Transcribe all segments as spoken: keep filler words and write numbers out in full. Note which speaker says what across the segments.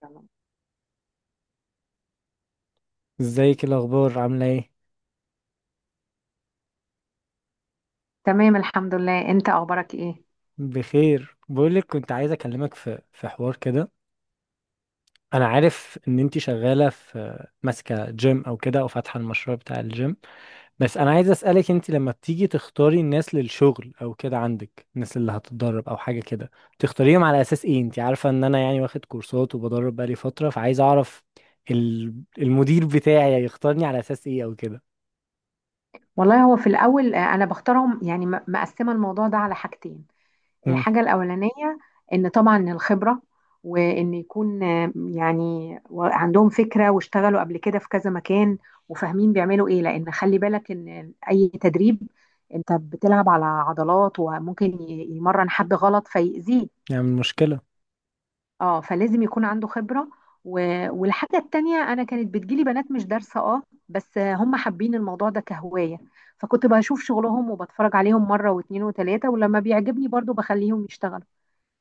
Speaker 1: تمام،
Speaker 2: ازيك؟ إيه الاخبار؟ عامله ايه؟
Speaker 1: تمام. الحمد لله، انت اخبارك ايه؟
Speaker 2: بخير. بقولك كنت عايز اكلمك في في حوار كده. انا عارف ان انتي شغاله في ماسكه جيم او كده، او فاتحه المشروع بتاع الجيم. بس انا عايز اسالك، انتي لما بتيجي تختاري الناس للشغل او كده، عندك الناس اللي هتتدرب او حاجه كده، تختاريهم على اساس ايه؟ انتي عارفه ان انا يعني واخد كورسات وبدرب بقالي فتره، فعايز اعرف ال- المدير بتاعي يختارني على اساس ايه او كده.
Speaker 1: والله، هو في الاول آه، انا بختارهم يعني م- مقسمه الموضوع ده على حاجتين.
Speaker 2: امم،
Speaker 1: الحاجه الاولانيه ان طبعا الخبره، وان يكون آه، يعني و- عندهم فكره واشتغلوا قبل كده في كذا مكان، وفاهمين بيعملوا ايه، لان خلي بالك ان اي تدريب انت بتلعب على عضلات وممكن ي- يمرن حد غلط فيأذيه.
Speaker 2: يعني مشكله.
Speaker 1: اه، فلازم يكون عنده خبرة و... والحاجة التانية، أنا كانت بتجيلي بنات مش دارسة، اه، بس هم حابين الموضوع ده كهواية، فكنت بشوف شغلهم وبتفرج عليهم مرة واتنين وتلاتة، ولما بيعجبني برضو بخليهم يشتغلوا.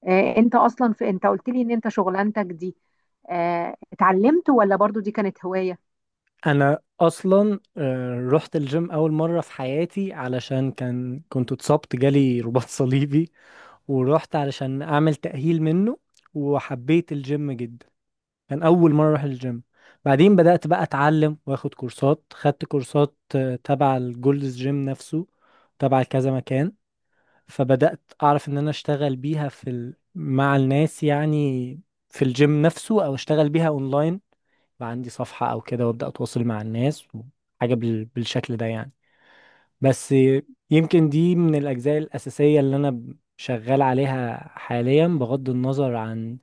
Speaker 1: آه انت أصلا في انت قلت لي إن انت شغلانتك دي آه اتعلمت، ولا برضو دي كانت هواية؟
Speaker 2: انا اصلا آه، رحت الجيم اول مره في حياتي علشان كان كنت اتصبت، جالي رباط صليبي، ورحت علشان اعمل تاهيل منه. وحبيت الجيم جدا، كان اول مره اروح الجيم. بعدين بدات بقى اتعلم واخد كورسات، خدت كورسات آه، تبع الجولدز جيم نفسه، تبع كذا مكان. فبدات اعرف ان انا اشتغل بيها في ال... مع الناس يعني، في الجيم نفسه او اشتغل بيها اونلاين، بقى عندي صفحة أو كده وأبدأ أتواصل مع الناس، حاجة بال... بالشكل ده يعني. بس يمكن دي من الأجزاء الأساسية اللي أنا شغال عليها حاليا، بغض النظر عن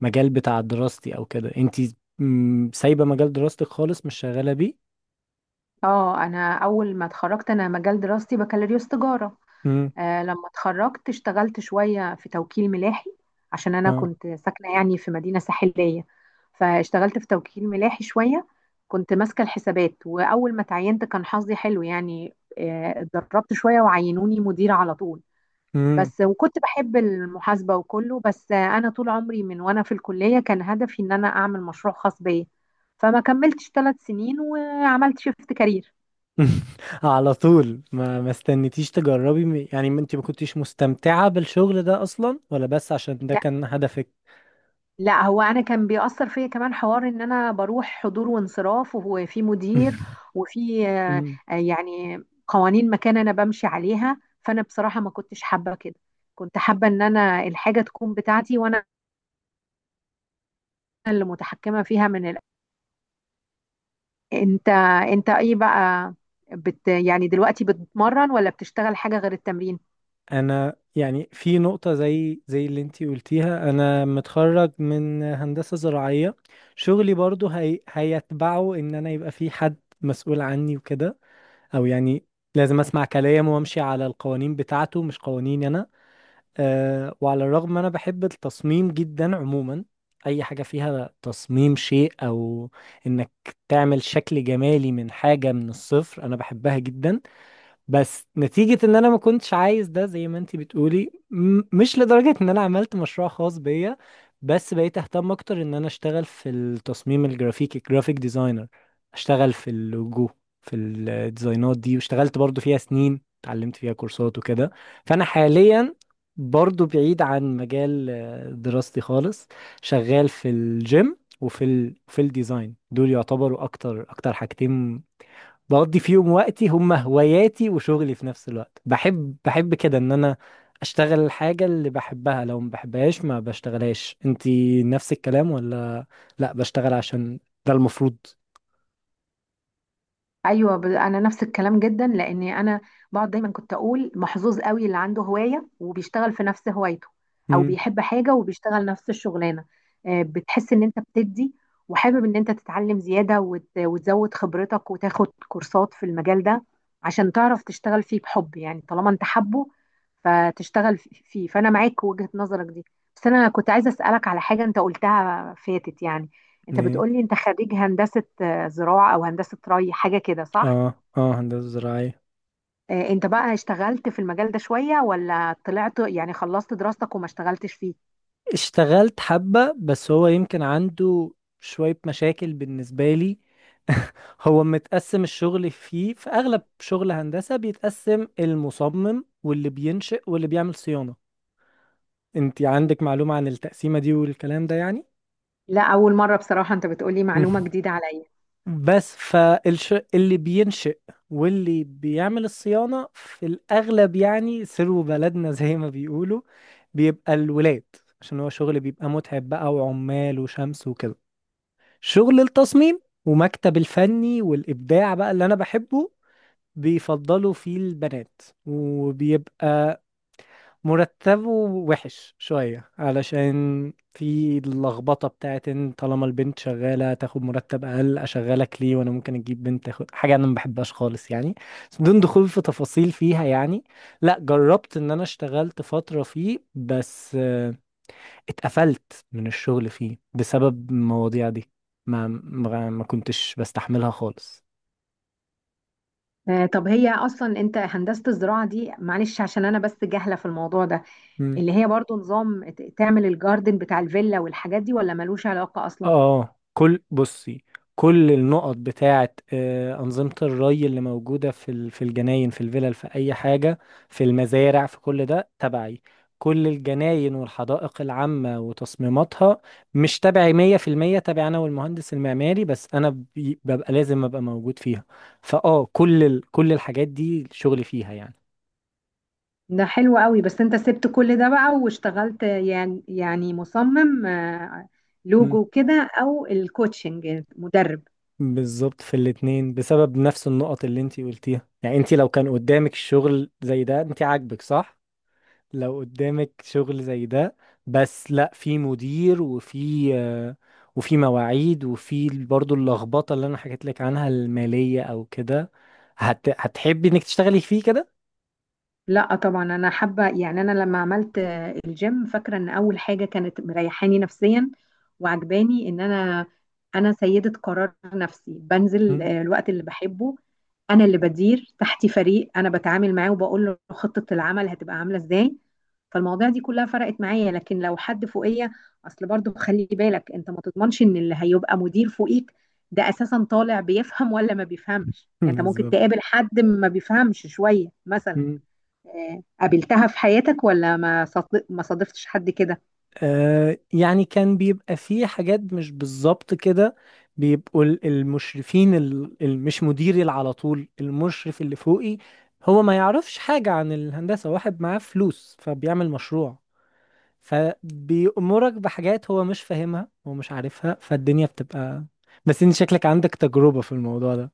Speaker 2: مجال بتاع دراستي أو كده. أنتي مم، سايبة مجال دراستك خالص، مش شغالة بيه؟
Speaker 1: اه، أنا أول ما اتخرجت، أنا مجال دراستي بكالوريوس تجارة.
Speaker 2: مم.
Speaker 1: آه، لما اتخرجت اشتغلت شوية في توكيل ملاحي، عشان أنا
Speaker 2: اه.
Speaker 1: كنت ساكنة يعني في مدينة ساحلية. فاشتغلت في توكيل ملاحي شوية، كنت ماسكة الحسابات، وأول ما تعينت كان حظي حلو يعني، آه، اتدربت شوية وعينوني مديرة على طول.
Speaker 2: مم.
Speaker 1: بس، وكنت بحب المحاسبة وكله، بس آه، أنا طول عمري من وأنا في الكلية كان هدفي إن أنا أعمل مشروع خاص بيا، فما كملتش ثلاث سنين وعملت شيفت كارير.
Speaker 2: على طول؟ ما ما استنيتيش تجربي م- يعني ما انت ما كنتيش مستمتعة بالشغل ده اصلا، ولا بس عشان ده كان هدفك؟
Speaker 1: لا، هو انا كان بيأثر فيا كمان حوار ان انا بروح حضور وانصراف، وفي مدير، وفي آه، آه، يعني قوانين مكان انا بمشي عليها، فانا بصراحة ما كنتش حابة كده. كنت حابة ان انا الحاجة تكون بتاعتي، وانا اللي متحكمة فيها من الأول. انت انت ايه بقى؟ بت يعني دلوقتي بتتمرن ولا بتشتغل حاجة غير التمرين؟
Speaker 2: انا يعني في نقطة زي زي اللي انتي قلتيها. انا متخرج من هندسة زراعية، شغلي برضو هي هيتبعه ان انا يبقى في حد مسؤول عني وكده، او يعني لازم اسمع كلامه وامشي على القوانين بتاعته مش قوانيني انا. أه، وعلى الرغم انا بحب التصميم جدا عموما، اي حاجة فيها تصميم شيء او انك تعمل شكل جمالي من حاجة من الصفر انا بحبها جدا. بس نتيجة ان انا ما كنتش عايز ده، زي ما انتي بتقولي، م- مش لدرجة ان انا عملت مشروع خاص بيا، بس بقيت اهتم اكتر ان انا اشتغل في التصميم الجرافيكي، جرافيك ديزاينر، اشتغل في اللوجو، في الديزاينات دي، واشتغلت برضو فيها سنين، اتعلمت فيها كورسات وكده. فانا حاليا برضو بعيد عن مجال آه، دراستي خالص. شغال في الجيم وفي ال... في الديزاين، دول يعتبروا اكتر اكتر حاجتين بقضي فيهم وقتي، هم هواياتي وشغلي في نفس الوقت. بحب بحب كده ان انا اشتغل الحاجة اللي بحبها، لو ما بحبهاش ما بشتغلهاش. انتي نفس الكلام ولا لا، بشتغل عشان ده المفروض؟
Speaker 1: ايوه، ب- انا نفس الكلام جدا، لاني انا بقعد دايما كنت اقول محظوظ قوي اللي عنده هوايه وبيشتغل في نفس هوايته، او
Speaker 2: امم.
Speaker 1: بيحب حاجه وبيشتغل نفس الشغلانه. آه، بتحس ان انت بتدي وحابب ان انت تتعلم زياده وت- وتزود خبرتك وتاخد كورسات في المجال ده عشان تعرف تشتغل فيه، بحب يعني طالما انت حبه فتشتغل في- فيه، فانا معاك وجهه نظرك دي. بس انا كنت عايزه اسالك على حاجه انت قلتها فاتت، يعني انت
Speaker 2: ايه.
Speaker 1: بتقولي انت خريج هندسه زراعة أو هندسة ري حاجة كده، صح؟
Speaker 2: اه اه، هندسة زراعية.
Speaker 1: آه، أنت بقى اشتغلت في المجال ده شوية ولا طلعت، يعني خلصت دراستك وما اشتغلتش فيه؟
Speaker 2: اشتغلت حبة، بس هو يمكن عنده شوية مشاكل بالنسبة لي. هو متقسم الشغل فيه، في أغلب شغل هندسة بيتقسم المصمم واللي بينشئ واللي بيعمل صيانة. انت عندك معلومة عن التقسيمة دي والكلام ده يعني؟
Speaker 1: لا، أول مرة بصراحة أنت بتقولي
Speaker 2: مم.
Speaker 1: معلومة جديدة عليا.
Speaker 2: بس فالش اللي بينشئ واللي بيعمل الصيانة في الأغلب يعني، سروا بلدنا زي ما بيقولوا، بيبقى الولاد، عشان هو شغل بيبقى متعب بقى وعمال وشمس وكده. شغل التصميم ومكتب الفني والإبداع بقى اللي أنا بحبه، بيفضلوا فيه البنات، وبيبقى مرتبه وحش شوية علشان في اللخبطة بتاعت ان طالما البنت شغالة تاخد مرتب أقل أشغلك ليه، وأنا ممكن أجيب بنت تاخد حاجة أنا ما بحبهاش خالص يعني. بس بدون دخول في تفاصيل فيها يعني، لا جربت إن أنا اشتغلت فترة فيه، بس آه، اتقفلت من الشغل فيه بسبب المواضيع دي، ما ما ما كنتش بستحملها خالص.
Speaker 1: آه، طب هي أصلا أنت هندسة الزراعة دي، معلش عشان أنا بس جاهلة في الموضوع ده، اللي هي برضو نظام ت- تعمل الجاردن بتاع الفيلا والحاجات دي، ولا ملوش علاقة أصلا؟
Speaker 2: اه. كل، بصي، كل النقط بتاعة آه، أنظمة الري اللي موجودة في ال- في الجناين، في الفلل، في أي حاجة، في المزارع، في كل ده تبعي. كل الجناين والحدائق العامة وتصميماتها مش تبعي مية في المية، تبعي أنا والمهندس المعماري، بس أنا بي- ببقى لازم أبقى موجود فيها. فأه كل ال- كل الحاجات دي شغلي فيها يعني.
Speaker 1: ده حلو قوي، بس أنت سبت كل ده بقى واشتغلت يعني يعني مصمم آه،
Speaker 2: مم.
Speaker 1: لوجو كده، أو الكوتشنج، مدرب؟
Speaker 2: بالظبط في الاتنين، بسبب نفس النقط اللي انتي قلتيها. يعني انتي لو كان قدامك الشغل زي ده انتي عاجبك، صح؟ لو قدامك شغل زي ده بس لا، في مدير، وفي آه، وفي مواعيد، وفي برضو اللخبطة اللي انا حكيت لك عنها المالية او كده، هت... هتحبي انك تشتغلي فيه كده؟
Speaker 1: لا طبعا انا حابه، يعني انا لما عملت آه، الجيم فاكره ان اول حاجه كانت مريحاني نفسيا، وعجباني ان انا انا سيده قرار نفسي، بنزل
Speaker 2: مم.
Speaker 1: آه، الوقت اللي بحبه. انا اللي بدير تحتي فريق، انا بتعامل معاه وبقول له خطه العمل هتبقى عامله ازاي، فالمواضيع دي كلها فرقت معايا. لكن لو حد فوقيه، اصل برضو خلي بالك انت ما تضمنش ان اللي هيبقى مدير فوقيك ده اساسا طالع بيفهم ولا ما بيفهمش، يعني انت ممكن
Speaker 2: بالظبط.
Speaker 1: تقابل حد ما بيفهمش شويه مثلا.
Speaker 2: مم.
Speaker 1: آه، قابلتها في حياتك ولا ما صادف- ما صادفتش حد كده؟
Speaker 2: آه يعني كان بيبقى فيه حاجات مش بالظبط كده. بيبقوا ال- المشرفين اللي مش مديري، اللي على طول المشرف اللي فوقي هو ما يعرفش حاجة عن الهندسة، واحد معاه فلوس فبيعمل مشروع، فبيأمرك بحاجات هو مش فاهمها ومش عارفها، فالدنيا بتبقى. بس انت شكلك عندك تجربة في الموضوع ده.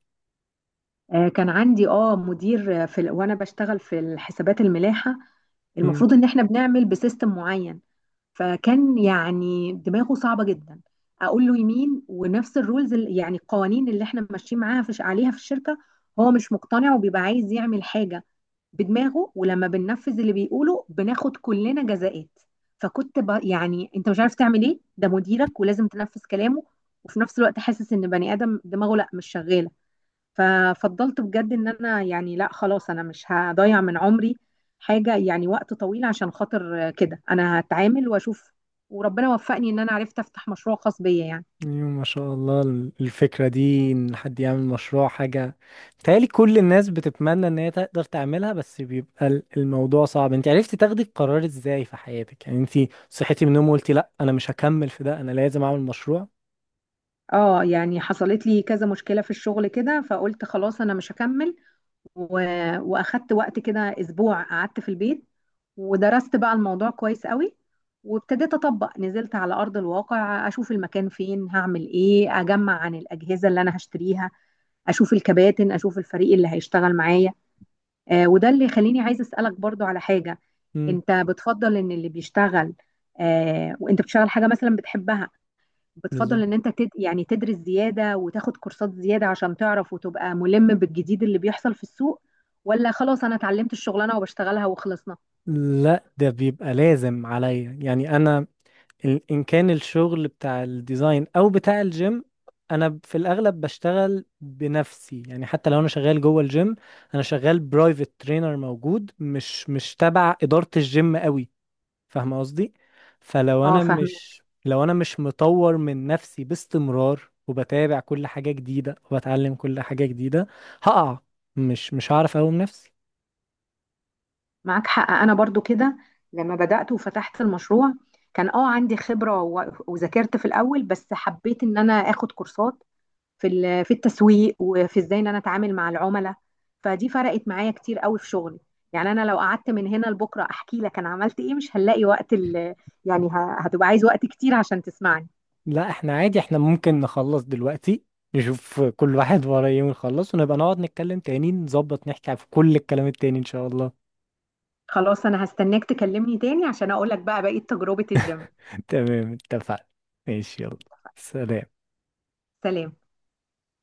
Speaker 1: آه، كان عندي اه مدير آه، في ال- وانا بشتغل في الحسابات الملاحه،
Speaker 2: مم.
Speaker 1: المفروض ان احنا بنعمل بسيستم معين. فكان يعني دماغه صعبه جدا، اقول له يمين، ونفس الرولز، ال- يعني القوانين اللي احنا ماشيين معاها في عليها في الشركه، هو مش مقتنع وبيبقى عايز يعمل حاجه بدماغه، ولما بننفذ اللي بيقوله بناخد كلنا جزاءات. فكنت ب... يعني انت مش عارف تعمل ايه، ده مديرك ولازم تنفذ كلامه، وفي نفس الوقت حاسس ان بني ادم دماغه لا، مش شغاله. ففضلت بجد ان انا يعني، لا خلاص، انا مش هضيع من عمري حاجه، يعني وقت طويل عشان خاطر كده انا هتعامل واشوف. وربنا وفقني ان انا عرفت افتح مشروع خاص بيا يعني.
Speaker 2: ايوه، ما شاء الله. ال- الفكرة دي ان حد يعمل مشروع حاجة بتهيألي كل الناس بتتمنى ان هي تقدر تعملها، بس بيبقى ال- الموضوع صعب. انت عرفتي تاخدي القرار ازاي في حياتك؟ يعني انت صحيتي من النوم وقلتي لا انا مش هكمل في ده، انا لازم اعمل مشروع؟
Speaker 1: اه، يعني حصلت لي كذا مشكله في الشغل كده، فقلت خلاص انا مش هكمل و... واخدت وقت كده، اسبوع قعدت في البيت، ودرست بقى الموضوع كويس قوي، وابتديت اطبق، نزلت على ارض الواقع اشوف المكان فين، هعمل ايه، اجمع عن الاجهزه اللي انا هشتريها، اشوف الكباتن، اشوف الفريق اللي هيشتغل معايا. آه وده اللي يخليني عايز اسالك برضو على حاجه.
Speaker 2: مم.
Speaker 1: انت بتفضل ان اللي بيشتغل، آه وانت بتشتغل حاجه مثلا بتحبها، بتفضل
Speaker 2: بالظبط.
Speaker 1: ان انت تد... يعني تدرس زيادة وتاخد كورسات زيادة عشان تعرف وتبقى ملم بالجديد اللي بيحصل في السوق؟ ولا خلاص انا اتعلمت الشغلانة وبشتغلها وخلصنا؟
Speaker 2: لا ده بيبقى لازم عليا. يعني انا ال- ان كان الشغل بتاع الديزاين او بتاع الجيم، انا ب- في الاغلب بشتغل بنفسي يعني، حتى لو انا شغال جوه الجيم انا شغال برايفت ترينر موجود، مش مش تبع ادارة الجيم قوي، فاهمه قصدي؟ فلو
Speaker 1: اه،
Speaker 2: انا
Speaker 1: فاهمين.
Speaker 2: مش لو انا مش مطور من نفسي باستمرار، وبتابع كل حاجة جديدة وبتعلم كل حاجة جديدة، هقع، مش مش هعرف اقوم نفسي.
Speaker 1: معاك حق، انا برضو كده. لما بدأت وفتحت المشروع، كان اه عندي خبرة و- وذاكرت في الاول، بس حبيت ان انا اخد كورسات في ال- في التسويق، وفي ازاي ان انا اتعامل مع العملاء، فدي فرقت معايا كتير قوي في شغلي. يعني انا لو قعدت من هنا لبكره احكي لك انا عملت ايه مش هنلاقي وقت، ال... يعني ه- هتبقى عايز وقت كتير عشان تسمعني.
Speaker 2: لا احنا عادي، احنا ممكن نخلص دلوقتي، نشوف كل واحد وراه ايه ونخلص، ونبقى نقعد نتكلم تاني نظبط نحكي في كل الكلام التاني ان شاء الله.
Speaker 1: خلاص، انا هستناك تكلمني تاني عشان اقول لك بقى بقية تجربة الجيم.
Speaker 2: تمام، اتفقنا. ماشي، يلا، سلام.
Speaker 1: سلام.